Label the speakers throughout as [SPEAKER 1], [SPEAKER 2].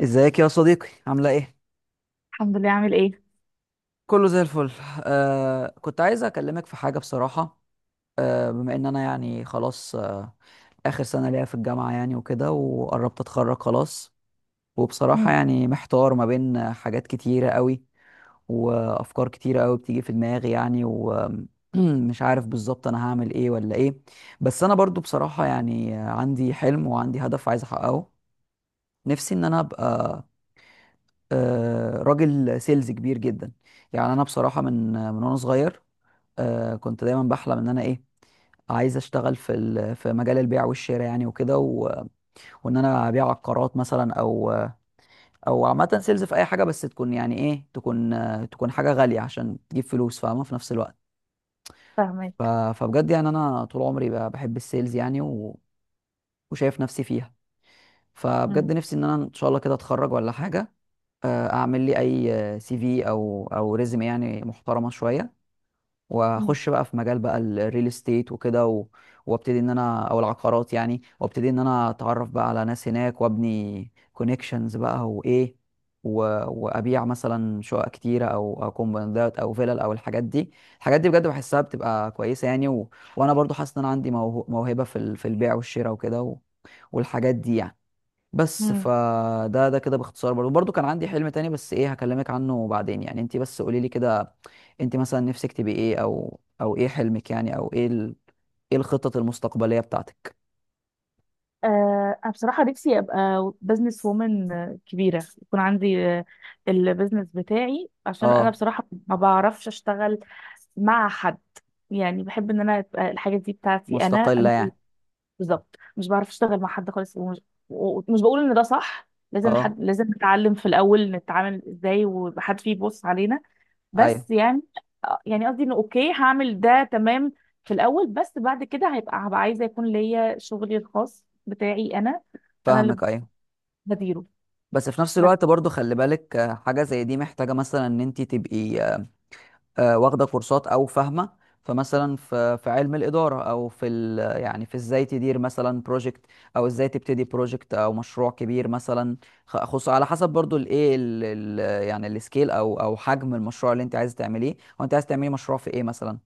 [SPEAKER 1] ازيك يا صديقي، عامله ايه؟
[SPEAKER 2] الحمد لله. عامل ايه؟
[SPEAKER 1] كله زي الفل. كنت عايز اكلمك في حاجه بصراحه. بما ان انا يعني خلاص، اخر سنه ليا في الجامعه يعني وكده وقربت اتخرج خلاص. وبصراحه
[SPEAKER 2] امم.
[SPEAKER 1] يعني محتار ما بين حاجات كتيره قوي وافكار كتيره قوي بتيجي في دماغي يعني ومش عارف بالظبط انا هعمل ايه ولا ايه. بس انا برضو بصراحه يعني عندي حلم وعندي هدف عايز احققه. نفسي ان انا ابقى راجل سيلز كبير جدا. يعني انا بصراحه من وانا صغير، كنت دايما بحلم ان انا ايه، عايز اشتغل في في مجال البيع والشراء يعني وكده وان انا ابيع عقارات مثلا، او او عامه سيلز في اي حاجه بس تكون يعني ايه تكون تكون حاجه غاليه عشان تجيب فلوس، فاهمه، في نفس الوقت. ف...
[SPEAKER 2] فاهمك.
[SPEAKER 1] فبجد يعني انا طول عمري بحب السيلز يعني وشايف نفسي فيها.
[SPEAKER 2] مم.
[SPEAKER 1] فبجد نفسي ان انا ان شاء الله كده اتخرج ولا حاجه، اعمل لي اي سي في او او ريزمي يعني محترمه شويه،
[SPEAKER 2] مم.
[SPEAKER 1] واخش بقى في مجال بقى الريل استيت وكده وابتدي ان انا او العقارات يعني، وابتدي ان انا اتعرف بقى على ناس هناك وابني كونكشنز بقى وايه و... وابيع مثلا شقق كتيره او او كومباوندات او فيلل او الحاجات دي. الحاجات دي بجد بحسها بتبقى كويسه يعني وانا برضو حاسس ان انا عندي موهبه في في البيع والشراء وكده والحاجات دي يعني. بس
[SPEAKER 2] مم.
[SPEAKER 1] فده كده باختصار برضه كان عندي حلم تاني، بس ايه هكلمك عنه بعدين يعني، انت بس قولي لي كده. انت مثلا نفسك تبقي ايه، او او ايه حلمك يعني، او ايه ايه الخطط المستقبلية بتاعتك؟
[SPEAKER 2] انا بصراحه نفسي ابقى بزنس وومن كبيره، يكون عندي البزنس بتاعي، عشان انا
[SPEAKER 1] اه.
[SPEAKER 2] بصراحه ما بعرفش اشتغل مع حد. يعني بحب ان انا تبقى الحاجه دي بتاعتي انا،
[SPEAKER 1] مستقلة يعني.
[SPEAKER 2] بالظبط. مش بعرف اشتغل مع حد خالص، ومش بقول ان ده صح، لازم
[SPEAKER 1] اه،
[SPEAKER 2] حد، لازم نتعلم في الاول نتعامل ازاي ويبقى حد فيه يبص علينا.
[SPEAKER 1] ايوه
[SPEAKER 2] بس يعني يعني قصدي انه اوكي، هعمل ده تمام في الاول، بس بعد كده هبقى عايزه يكون ليا شغلي الخاص بتاعي انا اللي
[SPEAKER 1] فاهمك، ايوه.
[SPEAKER 2] بديره.
[SPEAKER 1] بس في نفس الوقت
[SPEAKER 2] بس
[SPEAKER 1] برضو خلي بالك، حاجة زي دي محتاجة مثلا ان انت تبقي واخده كورسات او فاهمه. فمثلا في علم الاداره، او في ال يعني في ازاي تدير مثلا بروجكت، او ازاي تبتدي بروجكت او مشروع كبير مثلا. خصوصا على حسب برضو الايه يعني السكيل او او حجم المشروع اللي انت عايز تعمليه. وانت عايز تعملي مشروع في ايه مثلا؟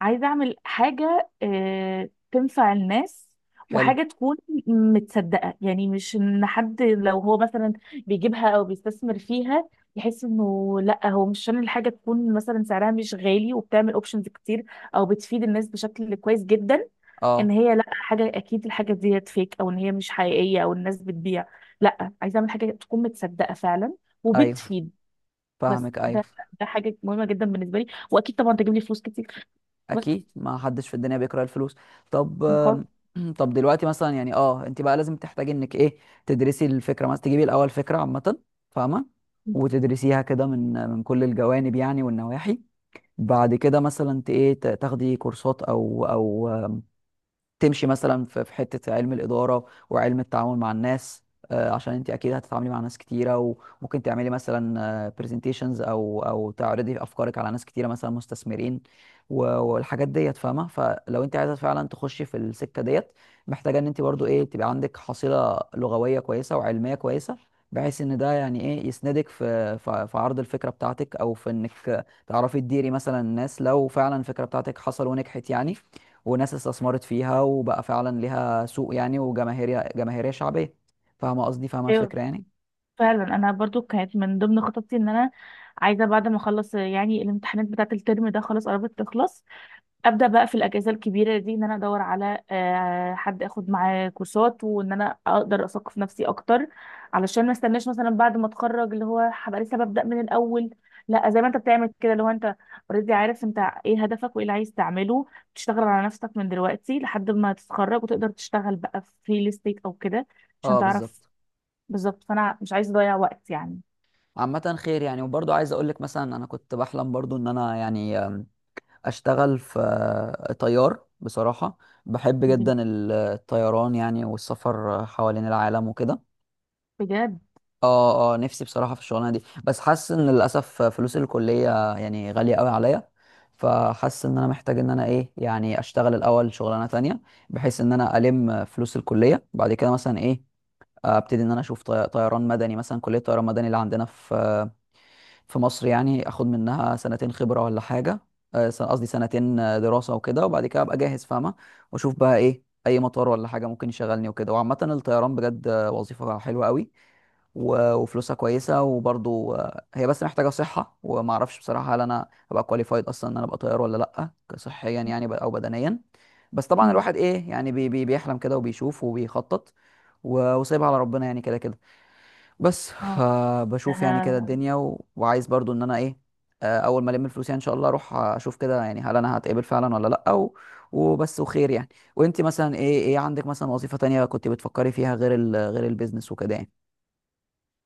[SPEAKER 2] عايزة أعمل حاجة تنفع الناس،
[SPEAKER 1] حلو.
[SPEAKER 2] وحاجة تكون متصدقة، يعني مش إن حد لو هو مثلا بيجيبها أو بيستثمر فيها يحس إنه لأ، هو مش عشان الحاجة تكون مثلا سعرها مش غالي وبتعمل أوبشنز كتير أو بتفيد الناس بشكل كويس جدا
[SPEAKER 1] اه
[SPEAKER 2] إن هي لأ حاجة، أكيد الحاجة دي فيك، أو إن هي مش حقيقية أو الناس بتبيع. لأ، عايزة أعمل حاجة تكون متصدقة فعلا
[SPEAKER 1] ايوه
[SPEAKER 2] وبتفيد. بس
[SPEAKER 1] فاهمك ايوه.
[SPEAKER 2] ده حاجة مهمة جدا بالنسبة لي، وأكيد طبعا تجيب لي فلوس كتير.
[SPEAKER 1] اكيد، ما حدش في الدنيا بيكره الفلوس. طب
[SPEAKER 2] بجد.
[SPEAKER 1] طب دلوقتي مثلا يعني اه انت بقى لازم تحتاجي انك ايه تدرسي الفكره، مثلا تجيبي الاول فكره عامه فاهمه، وتدرسيها كده من كل الجوانب يعني والنواحي. بعد كده مثلا، تاخدي كورسات او او تمشي مثلا في حته علم الاداره وعلم التعامل مع الناس. عشان انت اكيد هتتعاملي مع ناس كتيره، وممكن تعملي مثلا برزنتيشنز او او تعرضي افكارك على ناس كتيره مثلا مستثمرين والحاجات ديت فاهمه. فلو انت عايزه فعلا تخشي في السكه ديت، محتاجه ان انت برضو ايه تبقى عندك حصيله لغويه كويسه وعلميه كويسه، بحيث ان ده يعني ايه يسندك في في عرض الفكره بتاعتك، او في انك تعرفي تديري مثلا الناس لو فعلا الفكره بتاعتك حصل ونجحت يعني، وناس استثمرت فيها وبقى فعلا ليها سوق يعني وجماهيرية، جماهيرية شعبية. فاهمة قصدي، فاهمة
[SPEAKER 2] ايوه
[SPEAKER 1] الفكرة يعني.
[SPEAKER 2] فعلا. انا برضو كانت من ضمن خططي ان انا عايزه بعد ما اخلص يعني الامتحانات بتاعه الترم ده، خلاص قربت تخلص، ابدا بقى في الاجازه الكبيره دي ان انا ادور على حد اخد معاه كورسات، وان انا اقدر اثقف نفسي اكتر. علشان ما استناش مثلا بعد ما اتخرج اللي هو هبقى لسه ببدا من الاول. لا، زي ما انت بتعمل كده، اللي هو انت اوريدي عارف انت ايه هدفك وايه اللي عايز تعمله، تشتغل على نفسك من دلوقتي لحد ما تتخرج وتقدر تشتغل بقى في ريل استيت او كده، عشان
[SPEAKER 1] اه
[SPEAKER 2] تعرف
[SPEAKER 1] بالظبط.
[SPEAKER 2] بالظبط. فانا مش عايزه اضيع وقت يعني.
[SPEAKER 1] عامة خير يعني، وبرضو عايز اقول لك مثلا، انا كنت بحلم برضو ان انا يعني اشتغل في طيار بصراحة. بحب جدا الطيران يعني، والسفر حوالين العالم وكده.
[SPEAKER 2] بجد.
[SPEAKER 1] اه اه نفسي بصراحة في الشغلانة دي. بس حاسس ان للأسف فلوس الكلية يعني غالية قوي عليا، فحاسس ان انا محتاج ان انا ايه يعني اشتغل الاول شغلانة تانية، بحيث ان انا الم فلوس الكلية بعد كده، مثلا ايه، ابتدي ان انا اشوف طيران مدني، مثلا كلية طيران مدني اللي عندنا في مصر يعني، اخد منها سنتين خبره ولا حاجه، قصدي سنتين دراسه وكده، وبعد كده ابقى جاهز فاهمه. واشوف بقى ايه اي مطار ولا حاجه ممكن يشغلني وكده. وعامه الطيران بجد وظيفه حلوه قوي وفلوسها كويسه، وبرضو هي بس محتاجه صحه. وما اعرفش بصراحه هل انا ابقى كواليفايد اصلا ان انا ابقى طيار ولا لا، صحيا يعني او بدنيا. بس طبعا
[SPEAKER 2] امم.
[SPEAKER 1] الواحد ايه يعني بي بي بيحلم كده وبيشوف وبيخطط، وسايبها على ربنا يعني كده كده. بس
[SPEAKER 2] اه.
[SPEAKER 1] فبشوف يعني كده
[SPEAKER 2] آه.
[SPEAKER 1] الدنيا وعايز برضو ان انا ايه، اول ما الم الفلوس يعني ان شاء الله اروح اشوف كده يعني هل انا هتقبل فعلا ولا لا وبس وخير يعني. وانت مثلا ايه، ايه عندك مثلا وظيفة تانية كنت بتفكري فيها غير غير البيزنس وكده يعني؟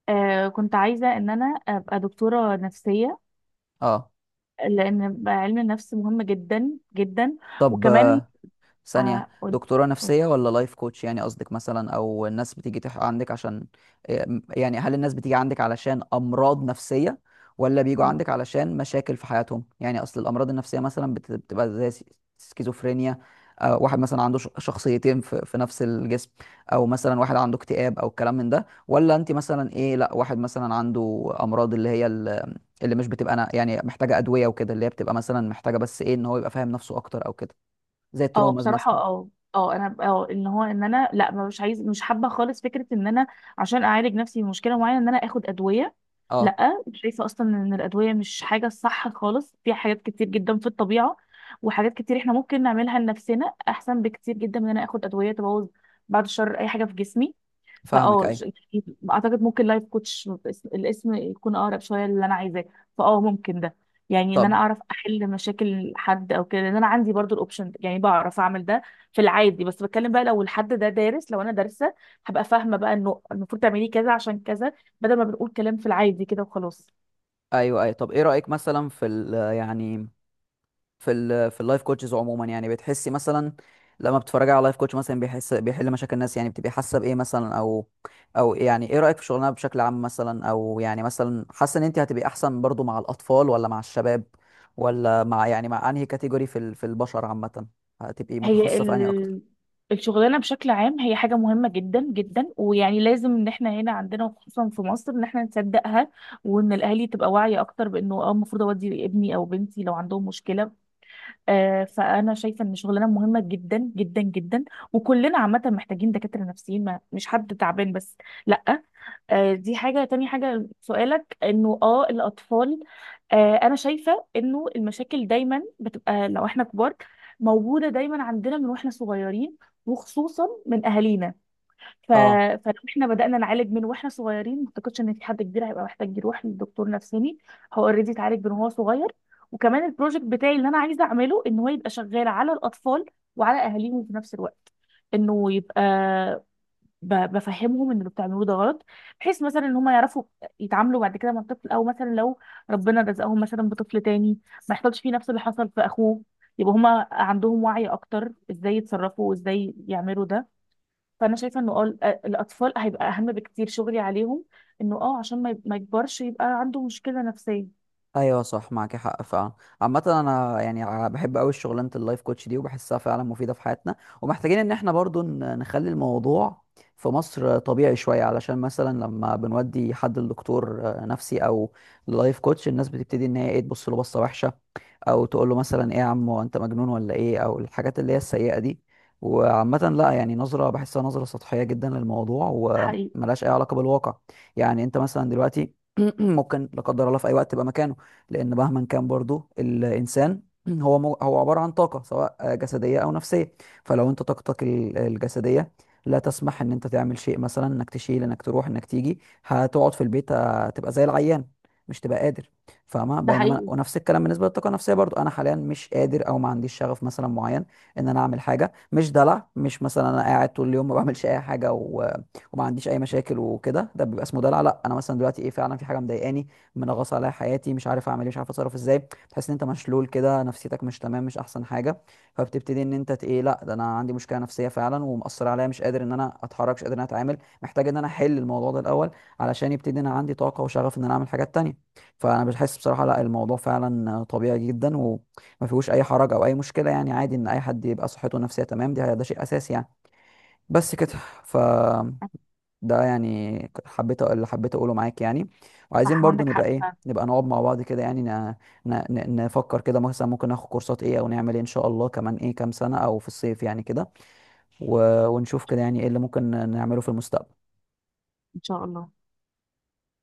[SPEAKER 2] كنت عايزه ان انا ابقى دكتوره نفسيه،
[SPEAKER 1] اه.
[SPEAKER 2] لان علم النفس مهم جدا جدا.
[SPEAKER 1] طب
[SPEAKER 2] وكمان
[SPEAKER 1] ثانية،
[SPEAKER 2] آه قولي-
[SPEAKER 1] دكتورة نفسية ولا لايف كوتش يعني قصدك، مثلا، او الناس بتيجي عندك عشان إيه؟ يعني هل الناس بتيجي عندك علشان امراض نفسية، ولا بيجوا
[SPEAKER 2] قولي.
[SPEAKER 1] عندك علشان مشاكل في حياتهم؟ يعني اصل الامراض النفسية مثلا بتبقى زي سكيزوفرينيا، واحد مثلا عنده شخصيتين في نفس الجسم، او مثلا واحد عنده اكتئاب او الكلام من ده. ولا انت مثلا ايه، لا، واحد مثلا عنده امراض اللي هي اللي مش بتبقى انا يعني محتاجة ادوية وكده، اللي هي بتبقى مثلا محتاجة بس ايه ان هو يبقى فاهم نفسه اكتر او كده، زي
[SPEAKER 2] اه
[SPEAKER 1] التروماز
[SPEAKER 2] بصراحة،
[SPEAKER 1] مثلا.
[SPEAKER 2] اه انا ان انا لا، مش عايز، مش حابة خالص فكرة ان انا عشان اعالج نفسي من مشكلة معينة ان انا اخد ادوية.
[SPEAKER 1] اه
[SPEAKER 2] لا، شايفة اصلا ان الادوية مش حاجة صح خالص، في حاجات كتير جدا في الطبيعة، وحاجات كتير احنا ممكن نعملها لنفسنا احسن بكتير جدا من ان انا اخد ادوية تبوظ، بعد الشر، اي حاجة في جسمي.
[SPEAKER 1] فاهمك
[SPEAKER 2] فاه ش-
[SPEAKER 1] ايوه.
[SPEAKER 2] اعتقد ممكن لايف كوتش الاسم يكون اقرب شويه للي انا عايزاه. ممكن ده، يعني ان انا
[SPEAKER 1] طب
[SPEAKER 2] اعرف احل مشاكل حد او كده، لان انا عندي برضو الاوبشن ده، يعني بعرف اعمل ده في العادي. بس بتكلم بقى لو الحد ده دارس، لو انا دارسه هبقى فاهمه بقى انه المفروض تعملي كذا عشان كذا، بدل ما بنقول كلام في العادي كده وخلاص.
[SPEAKER 1] ايوه ايوه. طب ايه رأيك مثلا في ال يعني في ال في اللايف كوتشز عموما؟ يعني بتحسي مثلا لما بتتفرجي على لايف كوتش مثلا بيحس بيحل مشاكل الناس يعني بتبقي حاسه بايه مثلا، او او يعني ايه رأيك في شغلنا بشكل عام مثلا؟ او يعني مثلا حاسه ان انت هتبقي احسن برضو مع الاطفال ولا مع الشباب، ولا مع يعني مع انهي كاتيجوري في في البشر عامة؟ هتبقي
[SPEAKER 2] هي
[SPEAKER 1] متخصصه في انهي اكتر؟
[SPEAKER 2] ال... الشغلانه بشكل عام هي حاجه مهمه جدا جدا، ويعني لازم ان احنا هنا عندنا وخصوصا في مصر ان احنا نصدقها، وان الاهالي تبقى واعيه اكتر، بانه المفروض اودي ابني او بنتي لو عندهم مشكله. فانا شايفه ان شغلانه مهمه جدا جدا جدا، وكلنا عامه محتاجين دكاتره نفسيين، ما مش حد تعبان بس. لا. دي حاجه تاني. حاجه سؤالك انه الاطفال. انا شايفه انه المشاكل دايما بتبقى لو احنا كبار موجوده دايما عندنا من واحنا صغيرين، وخصوصا من اهالينا. ف...
[SPEAKER 1] اه
[SPEAKER 2] فلو احنا بدأنا نعالج من واحنا صغيرين، ما اعتقدش ان في حد كبير هيبقى محتاج يروح لدكتور نفساني. هو اوريدي اتعالج من وهو صغير. وكمان البروجكت بتاعي اللي انا عايزه اعمله ان هو يبقى شغال على الاطفال وعلى اهاليهم في نفس الوقت، انه يبقى بفهمهم ان اللي بتعملوه ده غلط، بحيث مثلا ان هم يعرفوا يتعاملوا بعد كده مع الطفل، او مثلا لو ربنا رزقهم مثلا بطفل تاني ما يحصلش فيه نفس اللي حصل في اخوه، يبقى هما عندهم وعي اكتر ازاي يتصرفوا وازاي يعملوا ده. فانا شايفه انه الاطفال هيبقى اهم بكتير، شغلي عليهم، انه عشان ما يكبرش يبقى عنده مشكله نفسيه.
[SPEAKER 1] ايوه، صح، معاك حق فعلا. عامه انا يعني بحب قوي شغلانه اللايف كوتش دي، وبحسها فعلا مفيده في حياتنا. ومحتاجين ان احنا برضو نخلي الموضوع في مصر طبيعي شويه، علشان مثلا لما بنودي حد لدكتور نفسي او لايف كوتش، الناس بتبتدي ان هي ايه تبص له بصه وحشه، او تقول له مثلا ايه يا عم، هو انت مجنون ولا ايه، او الحاجات اللي هي السيئه دي. وعامة لا يعني، نظرة بحسها نظرة سطحية جدا للموضوع،
[SPEAKER 2] حقيقي.
[SPEAKER 1] وملهاش أي علاقة بالواقع. يعني أنت مثلا دلوقتي ممكن لا قدر الله في أي وقت تبقى مكانه. لأن مهما كان برضو الإنسان هو هو عبارة عن طاقة، سواء جسدية أو نفسية. فلو أنت طاقتك الجسدية لا تسمح إن أنت تعمل شيء، مثلا إنك تشيل إنك تروح إنك تيجي، هتقعد في البيت، هتبقى زي العيان، مش تبقى قادر، فاهمه.
[SPEAKER 2] ده
[SPEAKER 1] بينما
[SPEAKER 2] حقيقي.
[SPEAKER 1] ونفس الكلام بالنسبه للطاقه النفسيه، برضو انا حاليا مش قادر او ما عنديش شغف مثلا معين ان انا اعمل حاجه، مش دلع، مش مثلا انا قاعد طول اليوم ما بعملش اي حاجه وما عنديش اي مشاكل وكده، ده بيبقى اسمه دلع. لا، انا مثلا دلوقتي ايه فعلا في حاجه مضايقاني، منغص عليا حياتي، مش عارف اعمل ايه، مش عارف اتصرف ازاي، تحس ان انت مشلول كده، نفسيتك مش تمام، مش احسن حاجه. فبتبتدي ان انت ت- ايه لا، ده انا عندي مشكله نفسيه فعلا ومأثر عليا، مش قادر ان انا اتحرك، مش قادر ان انا اتعامل، محتاج ان انا احل الموضوع ده الاول علشان يبتدي ان انا عندي طاقه وشغف ان انا اعمل حاجات تانية. فانا بحس بصراحه لا الموضوع فعلا طبيعي جدا، وما فيهوش اي حرج او اي مشكله يعني. عادي ان اي حد يبقى صحته النفسيه تمام، دي ده شيء اساسي يعني. بس كده. ف ده يعني، اللي حبيت اقوله معاك يعني. وعايزين
[SPEAKER 2] صح،
[SPEAKER 1] برضو
[SPEAKER 2] عندك
[SPEAKER 1] نبقى
[SPEAKER 2] حق
[SPEAKER 1] ايه
[SPEAKER 2] فعلا.
[SPEAKER 1] نبقى نقعد مع بعض كده يعني، نفكر كده مثلا ممكن ناخد كورسات ايه او نعمل ايه، ان شاء الله، كمان ايه كام سنه او في الصيف يعني كده ونشوف كده يعني ايه اللي ممكن نعمله في المستقبل.
[SPEAKER 2] ان شاء الله.